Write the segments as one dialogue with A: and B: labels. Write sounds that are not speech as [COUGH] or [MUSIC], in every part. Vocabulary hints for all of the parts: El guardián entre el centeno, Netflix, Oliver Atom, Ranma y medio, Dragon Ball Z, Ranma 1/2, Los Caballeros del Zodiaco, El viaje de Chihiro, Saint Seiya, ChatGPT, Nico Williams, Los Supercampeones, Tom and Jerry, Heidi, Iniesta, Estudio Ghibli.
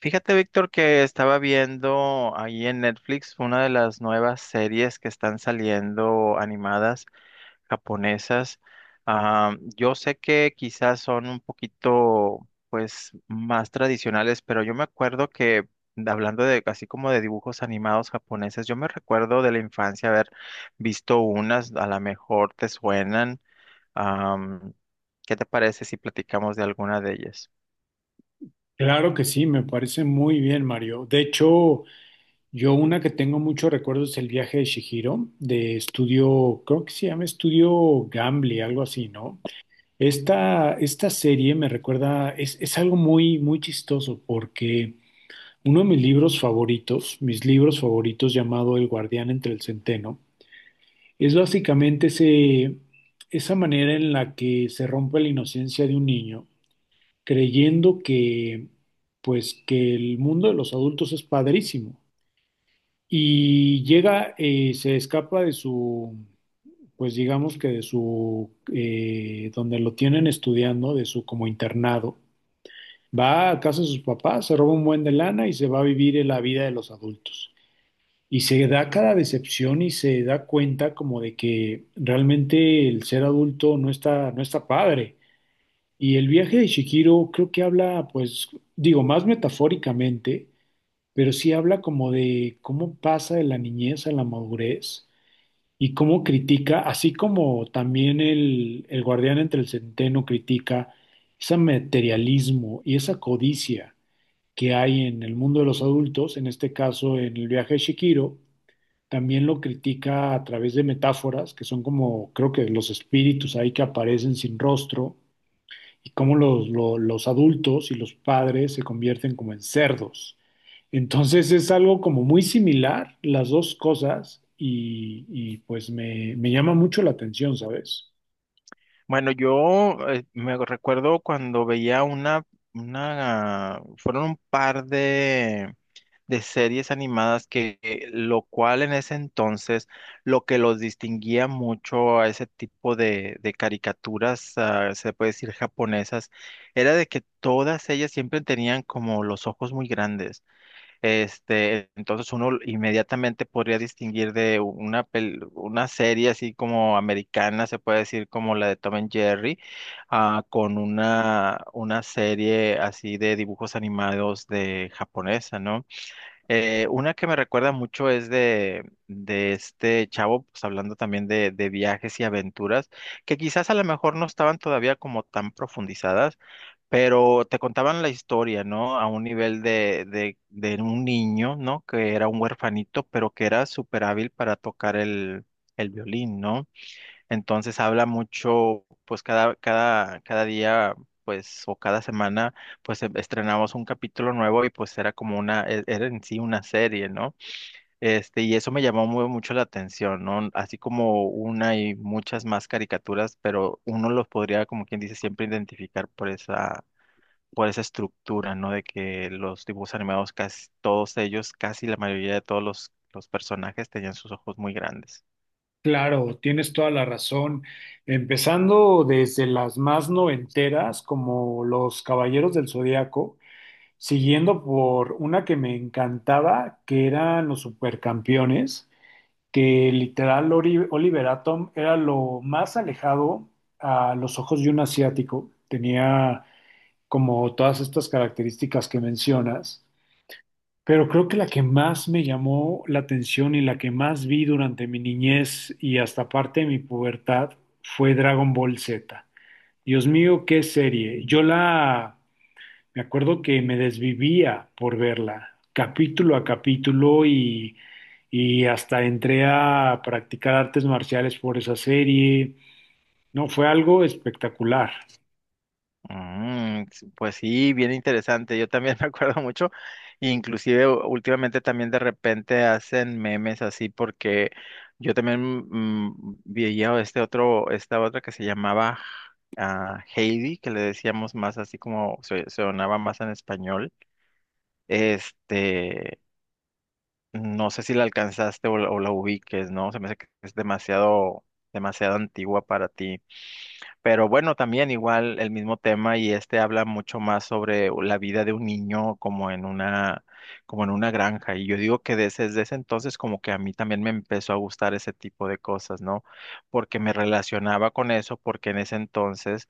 A: Fíjate, Víctor, que estaba viendo ahí en Netflix una de las nuevas series que están saliendo animadas japonesas. Yo sé que quizás son un poquito, pues, más tradicionales, pero yo me acuerdo que, hablando de, así como de dibujos animados japoneses, yo me recuerdo de la infancia haber visto unas, a lo mejor te suenan. Am, ¿Qué te parece si platicamos de alguna de ellas?
B: Claro que sí, me parece muy bien, Mario. De hecho, yo una que tengo muchos recuerdos es el viaje de Chihiro, de estudio, creo que se llama Estudio Gambly, algo así, ¿no? Esta serie me recuerda, es algo muy, muy chistoso porque uno de mis libros favoritos llamado El guardián entre el centeno, es básicamente ese, esa manera en la que se rompe la inocencia de un niño creyendo que, pues, que el mundo de los adultos es padrísimo. Y llega, se escapa de su, pues digamos que de su, donde lo tienen estudiando, de su como internado. Va a casa de sus papás, se roba un buen de lana y se va a vivir la vida de los adultos. Y se da cada decepción y se da cuenta como de que realmente el ser adulto no está, no está padre. Y el viaje de Shihiro creo que habla, pues, digo, más metafóricamente, pero sí habla como de cómo pasa de la niñez a la madurez y cómo critica, así como también el guardián entre el centeno critica ese materialismo y esa codicia que hay en el mundo de los adultos, en este caso en el viaje de Shihiro, también lo critica a través de metáforas que son como, creo que los espíritus ahí que aparecen sin rostro y cómo los adultos y los padres se convierten como en cerdos. Entonces es algo como muy similar las dos cosas y pues me llama mucho la atención, ¿sabes?
A: Bueno, yo me recuerdo cuando veía una, fueron un par de series animadas que lo cual en ese entonces, lo que los distinguía mucho a ese tipo de caricaturas, se puede decir japonesas, era de que todas ellas siempre tenían como los ojos muy grandes. Este, entonces uno inmediatamente podría distinguir de una serie así como americana, se puede decir como la de Tom and Jerry, con una serie así de dibujos animados de japonesa, ¿no? Una que me recuerda mucho es de este chavo, pues hablando también de viajes y aventuras, que quizás a lo mejor no estaban todavía como tan profundizadas pero te contaban la historia, ¿no? A un nivel de un niño, ¿no? Que era un huerfanito, pero que era súper hábil para tocar el violín, ¿no? Entonces habla mucho, pues cada día, pues, o cada semana, pues estrenamos un capítulo nuevo y pues era como era en sí una serie, ¿no? Este, y eso me llamó mucho la atención, ¿no? Así como una y muchas más caricaturas, pero uno los podría, como quien dice, siempre identificar por esa estructura, ¿no? De que los dibujos animados, casi todos ellos, casi la mayoría de todos los personajes tenían sus ojos muy grandes.
B: Claro, tienes toda la razón. Empezando desde las más noventeras, como Los Caballeros del Zodiaco, siguiendo por una que me encantaba, que eran Los Supercampeones, que literal Oliver Atom era lo más alejado a los ojos de un asiático. Tenía como todas estas características que mencionas, pero creo que la que más me llamó la atención y la que más vi durante mi niñez y hasta parte de mi pubertad fue Dragon Ball Z. Dios mío, qué serie.
A: Mm.
B: Yo la Me acuerdo que me desvivía por verla, capítulo a capítulo, y hasta entré a practicar artes marciales por esa serie. No, fue algo espectacular.
A: Mm, sí, pues sí, bien interesante. Yo también [LAUGHS] me acuerdo mucho, inclusive últimamente también de repente hacen memes así porque yo también veía este otro, esta otra que se llamaba Heidi, que le decíamos más así como se sonaba más en español. Este, no sé si la alcanzaste o o la ubiques, ¿no? Se me hace que es demasiado, demasiado antigua para ti. Pero bueno, también igual el mismo tema y este habla mucho más sobre la vida de un niño como en como en una granja. Y yo digo que desde ese entonces como que a mí también me empezó a gustar ese tipo de cosas, ¿no? Porque me relacionaba con eso, porque en ese entonces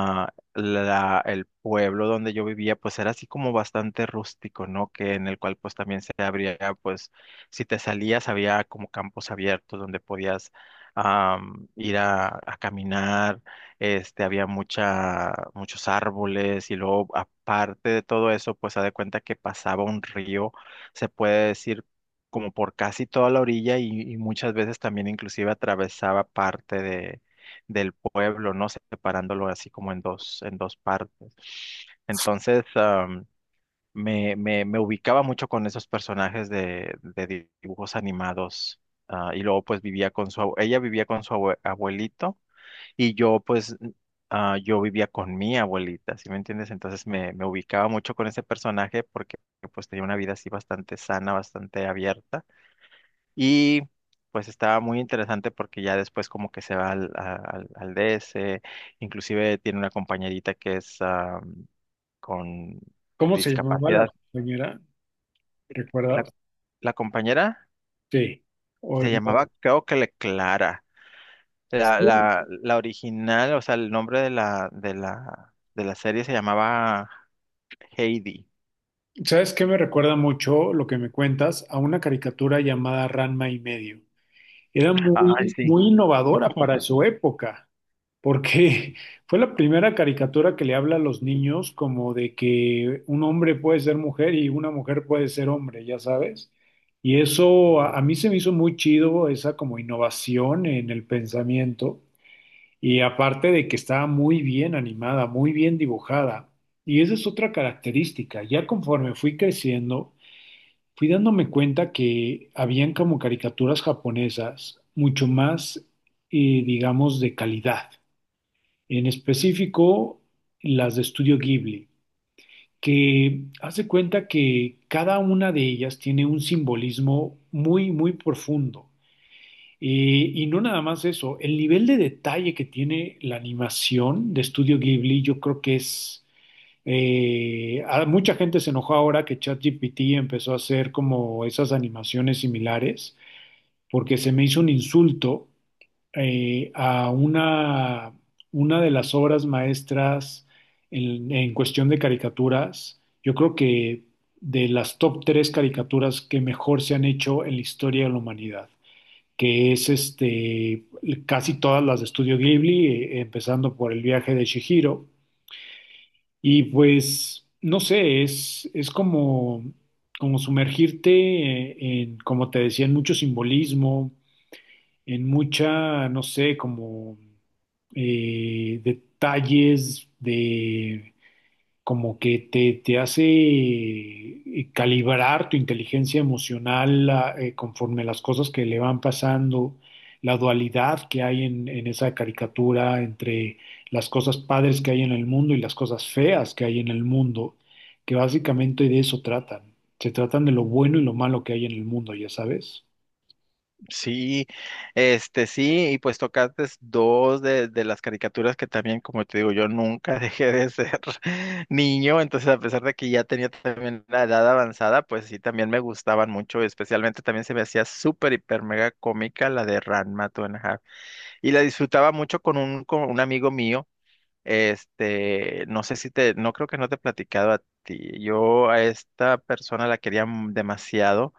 A: el pueblo donde yo vivía, pues era así como bastante rústico, ¿no? Que en el cual pues también se abría, pues si te salías había como campos abiertos donde podías ir a caminar, este, había muchos árboles y luego aparte de todo eso, pues haz de cuenta que pasaba un río, se puede decir como por casi toda la orilla y muchas veces también inclusive atravesaba parte del pueblo, ¿no? Separándolo así como en en dos partes. Entonces, me ubicaba mucho con esos personajes dibujos animados. Y luego pues vivía con su, abue- ella vivía con su abuelito y yo pues yo vivía con mi abuelita, ¿sí me entiendes? Entonces me ubicaba mucho con ese personaje porque pues tenía una vida así bastante sana, bastante abierta. Y pues estaba muy interesante porque ya después como que se va al DS, inclusive tiene una compañerita que es con
B: ¿Cómo se llamaba la
A: discapacidad.
B: compañera?
A: La,
B: ¿Recuerdas?
A: la compañera
B: Sí. O
A: se
B: no.
A: llamaba, creo que le Clara.
B: Sí.
A: La original, o sea, el nombre de la serie se llamaba Heidi.
B: ¿Sabes qué me recuerda mucho lo que me cuentas? A una caricatura llamada Ranma y medio. Era
A: Ay,
B: muy,
A: sí.
B: muy innovadora para su época, porque [LAUGHS] fue la primera caricatura que le habla a los niños como de que un hombre puede ser mujer y una mujer puede ser hombre, ya sabes. Y eso a mí se me hizo muy chido, esa como innovación en el pensamiento. Y aparte de que estaba muy bien animada, muy bien dibujada. Y esa es otra característica. Ya conforme fui creciendo, fui dándome cuenta que habían como caricaturas japonesas mucho más, digamos, de calidad, en específico las de Estudio Ghibli, que hace cuenta que cada una de ellas tiene un simbolismo muy, muy profundo. Y no nada más eso, el nivel de detalle que tiene la animación de Estudio Ghibli, yo creo que es... mucha gente se enojó ahora que ChatGPT empezó a hacer como esas animaciones similares, porque se me hizo un insulto a una de las obras maestras en cuestión de caricaturas. Yo creo que de las top tres caricaturas que mejor se han hecho en la historia de la humanidad, que es este, casi todas las de Estudio Ghibli, empezando por El viaje de Chihiro. Y pues, no sé, es como, como sumergirte en, como te decía, en mucho simbolismo, en mucha, no sé, como detalles de como que te hace calibrar tu inteligencia emocional conforme las cosas que le van pasando, la dualidad que hay en esa caricatura entre las cosas padres que hay en el mundo y las cosas feas que hay en el mundo, que básicamente de eso tratan. Se tratan de lo bueno y lo malo que hay en el mundo, ya sabes.
A: Sí, este sí, y pues tocaste dos de las caricaturas que también, como te digo, yo nunca [LAUGHS] dejé de ser [LAUGHS] niño, entonces a pesar de que ya tenía también la edad avanzada, pues sí, también me gustaban mucho, especialmente también se me hacía súper, hiper, mega cómica la de Ranma Two and a Half, y la disfrutaba mucho con con un amigo mío, este, no sé si te, no creo que no te he platicado a ti. Yo a esta persona la quería demasiado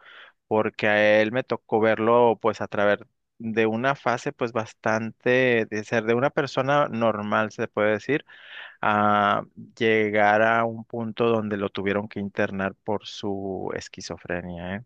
A: porque a él me tocó verlo pues a través de una fase pues bastante de ser de una persona normal, se puede decir, a llegar a un punto donde lo tuvieron que internar por su esquizofrenia, ¿eh?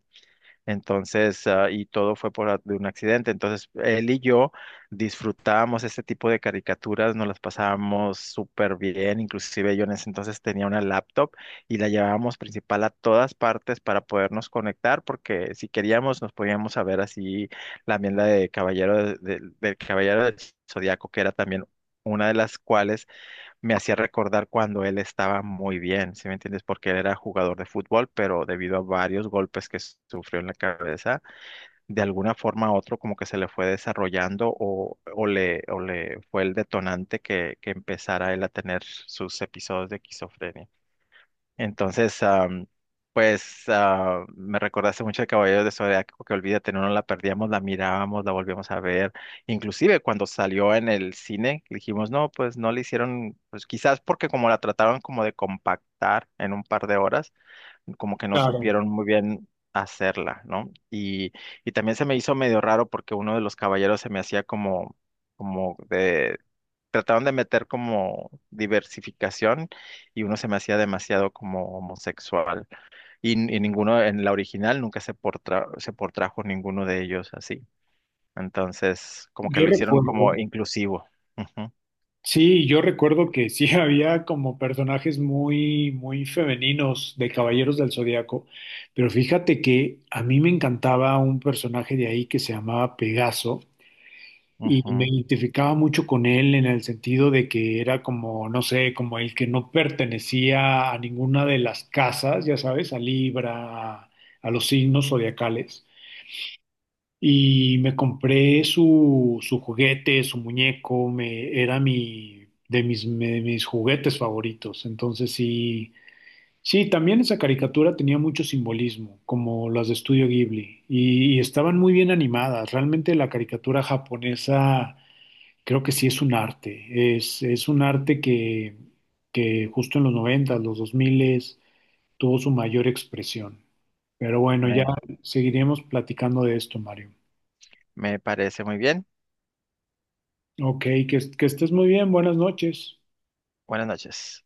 A: Entonces, y todo fue por de un accidente. Entonces, él y yo disfrutábamos este tipo de caricaturas, nos las pasábamos súper bien. Inclusive yo en ese entonces tenía una laptop y la llevábamos principal a todas partes para podernos conectar, porque si queríamos nos podíamos saber así también la de Caballero del Zodiaco, que era también una de las cuales me hacía recordar cuando él estaba muy bien, ¿sí me entiendes? Porque él era jugador de fútbol, pero debido a varios golpes que sufrió en la cabeza, de alguna forma u otro como que se le fue desarrollando o le fue el detonante que empezara él a tener sus episodios de esquizofrenia. Entonces, me recordaste mucho de Caballeros de Zodiaco, que olvídate, no nos la perdíamos, la mirábamos, la volvíamos a ver. Inclusive cuando salió en el cine, dijimos, no, pues no le hicieron, pues quizás porque como la trataron como de compactar en un par de horas, como que no
B: Claro.
A: supieron muy bien hacerla, ¿no? Y también se me hizo medio raro porque uno de los caballeros se me hacía como, como de, trataron de meter como diversificación y uno se me hacía demasiado como homosexual. Y ninguno en la original nunca se portrajo ninguno de ellos así. Entonces, como que
B: Yo
A: lo hicieron
B: recuerdo.
A: como inclusivo. Ujú,
B: Sí, yo recuerdo que sí [LAUGHS] había como personajes muy, muy femeninos de Caballeros del Zodiaco, pero fíjate que a mí me encantaba un personaje de ahí que se llamaba Pegaso y me
A: ujú.
B: identificaba mucho con él en el sentido de que era como, no sé, como el que no pertenecía a ninguna de las casas, ya sabes, a Libra, a los signos zodiacales. Y me compré su juguete, su muñeco, me, era mi, de mis, me- de mis juguetes favoritos. Entonces sí, sí, también esa caricatura tenía mucho simbolismo, como las de Estudio Ghibli, y estaban muy bien animadas. Realmente la caricatura japonesa creo que sí es un arte, es un arte que justo en los 90 los 2000 tuvo su mayor expresión. Pero bueno, ya
A: Me,
B: seguiremos platicando de esto, Mario.
A: Me parece muy bien.
B: Ok, que estés muy bien, buenas noches.
A: Buenas noches.